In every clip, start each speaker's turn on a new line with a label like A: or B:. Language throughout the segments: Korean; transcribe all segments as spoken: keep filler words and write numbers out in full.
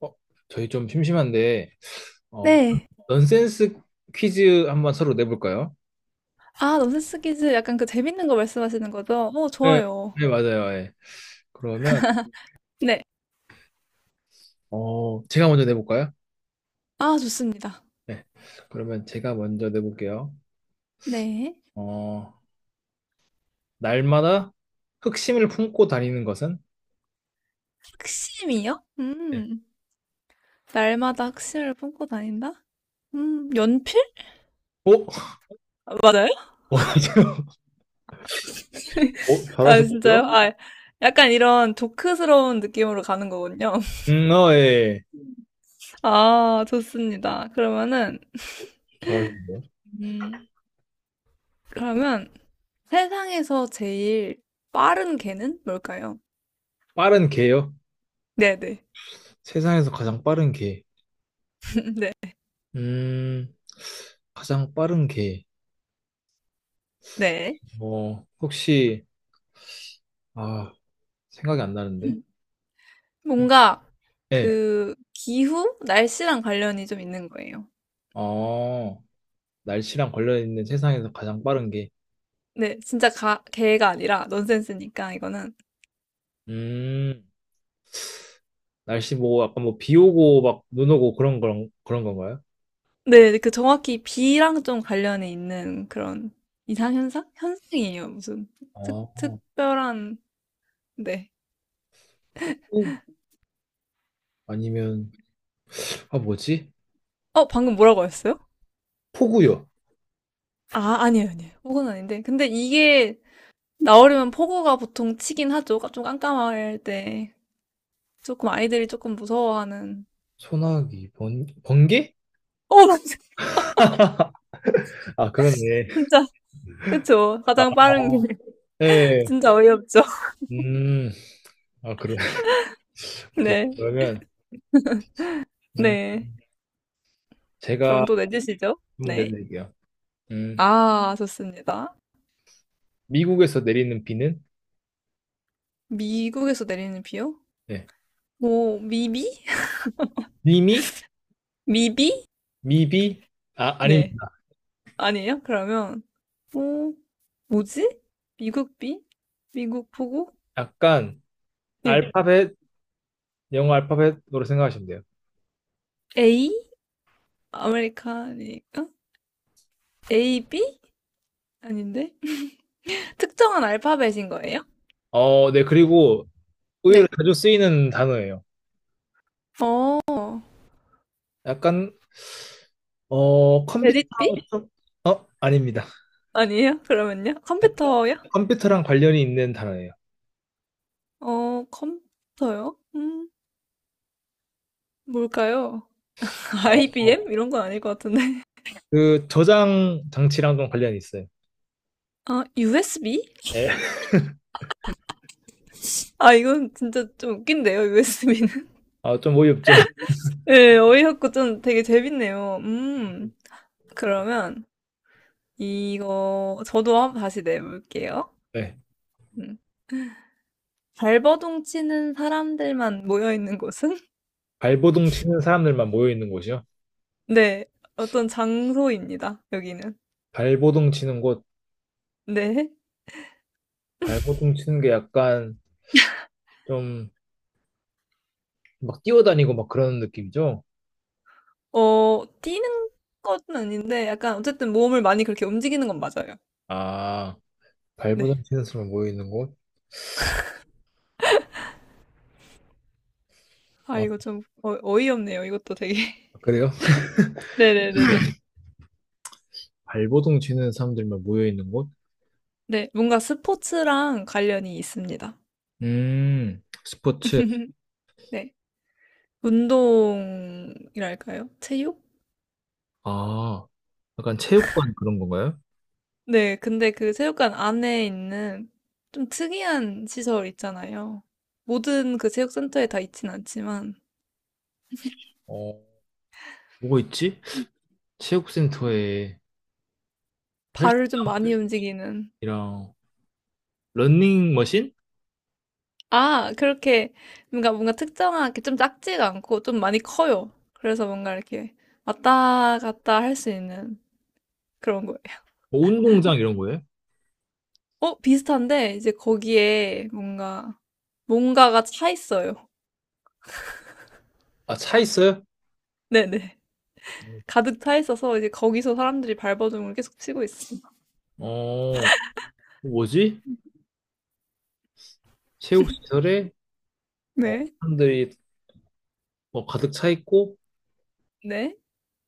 A: 어, 저희 좀 심심한데, 어,
B: 네.
A: 넌센스 퀴즈 한번 서로 내볼까요?
B: 아, 넌센스 퀴즈 약간 그 재밌는 거 말씀하시는 거죠? 어,
A: 네,
B: 좋아요.
A: 네, 맞아요. 예. 그러면,
B: 네.
A: 어, 제가 먼저 내볼까요?
B: 아, 좋습니다.
A: 네. 그러면 제가 먼저 내볼게요.
B: 네.
A: 어, 날마다 흑심을 품고 다니는 것은?
B: 학심이요?
A: 네.
B: 음. 날마다 학심을 품고 다닌다? 음, 연필?
A: 오?
B: 아, 맞아요?
A: 어, 지금- 어,
B: 아,
A: 잘하시는데요?
B: 진짜요? 아, 약간 이런 조크스러운 느낌으로 가는 거군요.
A: 음, 어, 예.
B: 아, 좋습니다. 그러면은,
A: 잘하시는데요?
B: 음, 그러면 세상에서 제일 빠른 개는 뭘까요?
A: 빠른 개요?
B: 네네.
A: 세상에서 가장 빠른 개.
B: 네.
A: 음, 가장 빠른 개.
B: 네.
A: 어, 혹시, 아, 생각이 안 나는데.
B: 뭔가
A: 예.
B: 그 기후? 날씨랑 관련이 좀 있는 거예요.
A: 어, 날씨랑 관련있는 세상에서 가장 빠른 게,
B: 네, 진짜 가, 개가 아니라 넌센스니까 이거는.
A: 음, 날씨 뭐, 약간 뭐, 비 오고 막, 눈 오고 그런, 그런, 그런 건가요?
B: 네, 그 정확히 비랑 좀 관련이 있는 그런 이상현상? 현상이에요. 무슨 특,
A: 어,
B: 특별한, 네.
A: 폭우? 아니면, 아, 뭐지?
B: 어, 방금 뭐라고 하셨어요?
A: 폭우요.
B: 아, 아니에요, 아니에요. 폭우는 아닌데. 근데 이게 나오려면 폭우가 보통 치긴 하죠. 좀 깜깜할 때. 조금 아이들이 조금 무서워하는.
A: 소나기, 번, 번개?
B: 어,
A: 아, 그러네.
B: 진짜. 그쵸.
A: 아,
B: 가장 빠른 게
A: 예.
B: 진짜 어이없죠.
A: 음, 아, 그러네. 오케이.
B: 네,
A: 그러면, 음,
B: 네.
A: 제가
B: 그럼 또 내주시죠.
A: 한번
B: 네.
A: 내드릴게요. 음,
B: 아, 좋습니다.
A: 미국에서 내리는 비는,
B: 미국에서 내리는 비요?
A: 네.
B: 뭐, 미비?
A: 미미?
B: 미비?
A: 미비? 아,
B: 네.
A: 아닙니다.
B: 아니에요? 그러면, 뭐, 뭐지? 미국 비? 미국 보고?
A: 약간,
B: 예.
A: 알파벳, 영어 알파벳으로 생각하시면 돼요.
B: A? 아메리카니까? 에이비? 아닌데? 특정한 알파벳인 거예요?
A: 어, 네, 그리고 의외로
B: 네.
A: 자주 쓰이는 단어예요.
B: 어,
A: 약간, 어,
B: 레딧 B?
A: 컴퓨터랑, 좀- 어, 아닙니다.
B: 아니에요? 그러면요? 컴퓨터요?
A: 컴퓨터랑 관련이 있는 단어예요.
B: 어, 컴퓨터요? 음, 뭘까요?
A: 어,
B: 아이비엠?
A: 어.
B: 이런 건 아닐 것 같은데.
A: 그 저장 장치랑 좀 관련이 있어요.
B: 아, 유에스비?
A: 네.
B: 아, 이건 진짜 좀 웃긴데요, 유에스비는.
A: 아, 좀 어이없죠.
B: 예, 어이없고 좀 되게 재밌네요. 음, 그러면 이거 저도 한번 다시 내볼게요.
A: 네.
B: 음. 발버둥 치는 사람들만 모여 있는 곳은?
A: 발버둥 치는 사람들만 모여 있는 곳이요.
B: 네, 어떤 장소입니다, 여기는.
A: 발버둥 치는 곳,
B: 네.
A: 발버둥 치는 게 약간 좀 막 뛰어다니고 막 그런 느낌이죠.
B: 어, 뛰는 건 아닌데, 약간 어쨌든 몸을 많이 그렇게 움직이는 건 맞아요.
A: 아,
B: 네.
A: 발버둥 치는 사람만 모여 있는 곳.
B: 아,
A: 아,
B: 이거 좀 어, 어이없네요. 이것도 되게.
A: 그래요?
B: 네네네네.
A: 발버둥 치는 사람들만 모여 있는 곳?
B: 네, 뭔가 스포츠랑 관련이 있습니다.
A: 음, 스포츠.
B: 네, 운동이랄까요? 체육?
A: 아, 약간 체육관 그런 건가요?
B: 네, 근데 그 체육관 안에 있는 좀 특이한 시설 있잖아요. 모든 그 체육센터에 다 있진 않지만,
A: 어, 뭐가 있지? 체육센터에
B: 발을 좀 많이 그, 움직이는.
A: 헬스랑 러닝머신?
B: 아, 그렇게 뭔가 뭔가 특정하게 좀 작지가 않고 좀 많이 커요. 그래서 뭔가 이렇게 왔다 갔다 할 수 있는 그런 거예요.
A: 뭐 운동장 이런 거예요?
B: 어, 비슷한데 이제 거기에 뭔가 뭔가가 차 있어요.
A: 아, 차 있어요?
B: 네네. 가득 차 있어서 이제 거기서 사람들이 발버둥을 계속 치고 있어요.
A: 어, 뭐지? 체육시설에 어,
B: 네.
A: 사람들이 뭐 가득 차 있고
B: 네.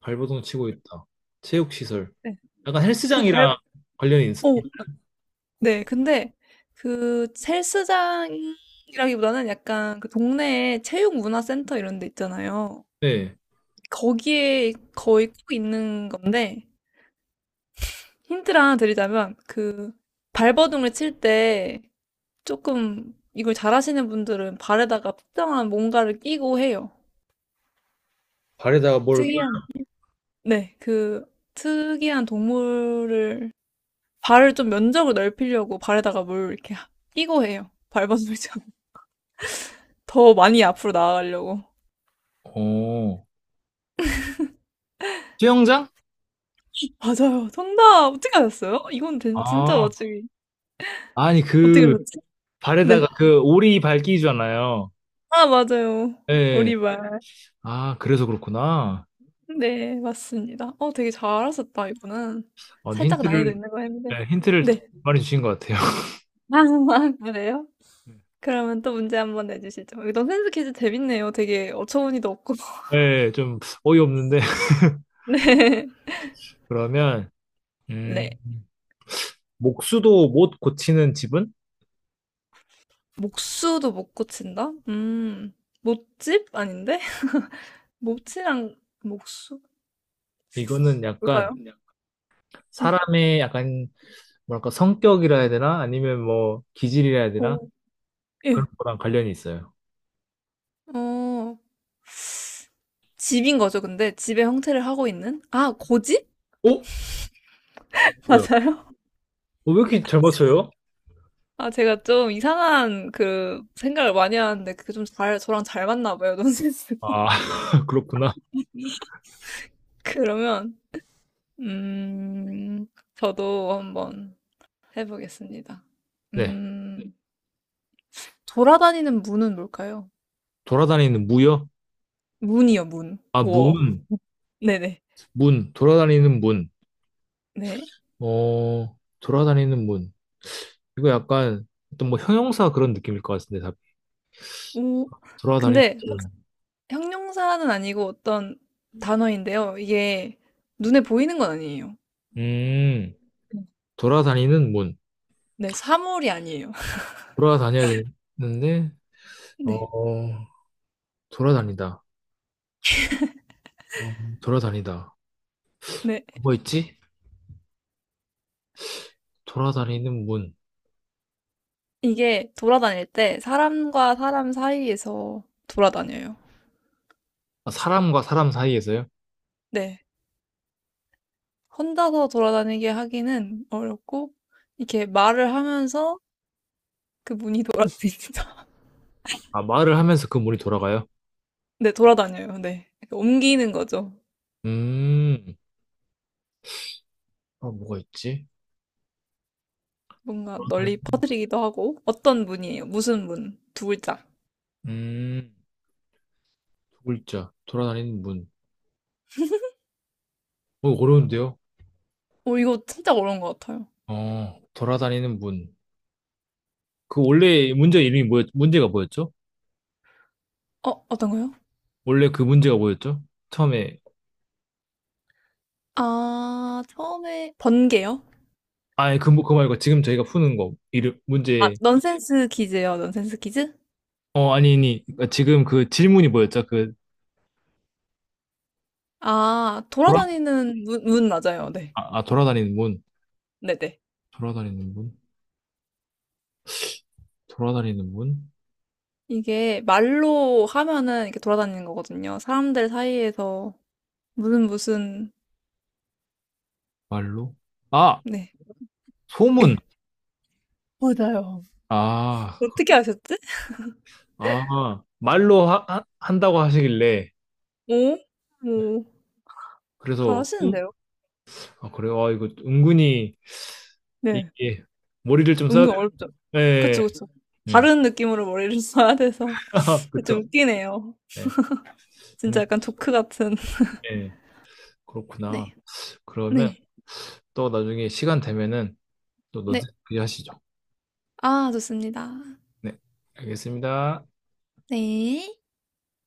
A: 발버둥 치고 있다. 체육시설.
B: 네.
A: 약간
B: 그
A: 헬스장이랑
B: 발
A: 관련이 있,
B: 어 네. 근데 그 헬스장이라기보다는 약간 그 동네에 체육문화센터 이런 데 있잖아요.
A: 네.
B: 거기에 거의 꼭 있는 건데 힌트를 하나 드리자면 그 발버둥을 칠 때 조금 이걸 잘하시는 분들은 발에다가 특정한 뭔가를 끼고 해요.
A: 발에다가 뭘,
B: 특이한 네. 그 특이한 동물을 발을 좀 면적을 넓히려고 발에다가 뭘 이렇게 하- 끼고 해요. 발버둥이처럼. 더 많이 앞으로 나아가려고.
A: 어, 수영장?
B: 맞아요. 정답! 어떻게 아셨어요? 이건 된- 진짜
A: 아,
B: 맞추기.
A: 아니
B: 어떻게
A: 그
B: 아셨지?
A: 발에다가
B: 네.
A: 그 오리 발끼잖아요.
B: 아, 맞아요.
A: 예. 예.
B: 오리발.
A: 아 그래서 그렇구나.
B: 네, 맞습니다. 어, 되게 잘하셨다, 이분은.
A: 어, 근데
B: 살짝 난이도
A: 힌트를
B: 있는 거 했는데.
A: 예, 힌트를
B: 네.
A: 많이 주신 것 같아요.
B: 아, 그래요? 그러면 또 문제 한번 내주시죠. 이런 센스 퀴즈 재밌네요. 되게 어처구니도 없고.
A: 예, 좀 어이없는데
B: 네.
A: 그러면
B: 네.
A: 음, 목수도 못 고치는 집은?
B: 목수도 못 고친다? 음, 못집? 아닌데? 못이랑 목수?
A: 이거는
B: 뭘까요?
A: 약간
B: 네.
A: 사람의 약간 뭐랄까 성격이라 해야 되나? 아니면 뭐 기질이라 해야 되나?
B: 오,
A: 그런
B: 예.
A: 거랑 관련이 있어요.
B: 어, 집인 거죠, 근데? 집의 형태를 하고 있는? 아, 고집?
A: 어? 어,
B: 맞아요?
A: 왜 이렇게 잘 맞춰요?
B: 아, 제가 좀 이상한 그 생각을 많이 하는데 그게 좀 잘, 저랑 잘 맞나 봐요, 논센스가.
A: 아 그렇구나.
B: 그러면, 음, 저도 한번 해보겠습니다.
A: 네
B: 음, 돌아다니는 문은 뭘까요?
A: 돌아다니는 무요?
B: 문이요, 문.
A: 아무 무는
B: 도어. 네네.
A: 문, 돌아다니는 문.
B: 네.
A: 어, 돌아다니는 문. 이거 약간 어떤 뭐 형용사 그런 느낌일 것 같은데, 답이.
B: 오
A: 돌아다니는
B: 근데 확
A: 문.
B: 형용사는 아니고 어떤 단어인데요. 이게 눈에 보이는 건 아니에요.
A: 음,
B: 네.
A: 돌아다니는 문.
B: 네. 사물이 아니에요.
A: 돌아다녀야 되는데,
B: 네.
A: 어, 돌아다니다. 어, 돌아다니다.
B: 네.
A: 뭐 있지? 돌아다니는 문.
B: 이게 돌아다닐 때 사람과 사람 사이에서 돌아다녀요.
A: 아, 사람과 사람 사이에서요?
B: 네. 혼자서 돌아다니게 하기는 어렵고 이렇게 말을 하면서 그 문이 돌아다니다
A: 아, 말을 하면서 그 문이 돌아가요?
B: 네. 돌아다녀요. 네. 옮기는 거죠.
A: 음, 아, 뭐가 있지?
B: 뭔가 널리
A: 돌아다니,
B: 퍼뜨리기도 하고 어떤 문이에요? 무슨 문? 두 글자.
A: 음, 두 글자. 돌아다니는 문. 어, 어려운데요?
B: 오 이거 진짜 어려운 것 같아요.
A: 어, 돌아다니는 문. 그 원래 문제 이름이 뭐였, 문제가 뭐였죠?
B: 어 어떤 거요?
A: 원래 그 문제가 뭐였죠? 처음에,
B: 아 처음에 번개요?
A: 아니, 그, 뭐- 그거 말고 지금 저희가 푸는 거, 이름,
B: 아
A: 문제,
B: 넌센스 퀴즈요. 넌센스 퀴즈?
A: 어, 아니, 아니, 그러니까 지금 그 질문이 뭐였죠? 그,
B: 아
A: 돌아,
B: 돌아다니는 문, 문 맞아요. 네
A: 아, 아, 돌아다니는 문.
B: 네네.
A: 돌아다니는 문? 돌아다니는 문?
B: 이게 말로 하면은 이렇게 돌아다니는 거거든요. 사람들 사이에서 무슨 무슨
A: 말로? 아,
B: 네
A: 소문!
B: 예. 맞아요.
A: 아,
B: 어떻게 아셨지?
A: 아, 말로 하, 하- 한다고 하시길래,
B: 오, 오
A: 그래서, 음,
B: 잘하시는데요?
A: 아, 그래요? 아, 이거 은근히,
B: 네.
A: 이게, 머리를 좀 써야
B: 은근
A: 돼.
B: 어렵죠.
A: 네,
B: 그쵸, 그쵸.
A: 네.
B: 다른 느낌으로 머리를 써야 돼서 좀
A: 그쵸.
B: 웃기네요.
A: 네.
B: 진짜
A: 음,
B: 약간 조크 같은.
A: 네. 그렇구나.
B: 네.
A: 그러면
B: 네.
A: 또 나중에 시간 되면은 또
B: 네.
A: 논센스 하시죠.
B: 아, 좋습니다.
A: 네, 알겠습니다.
B: 네.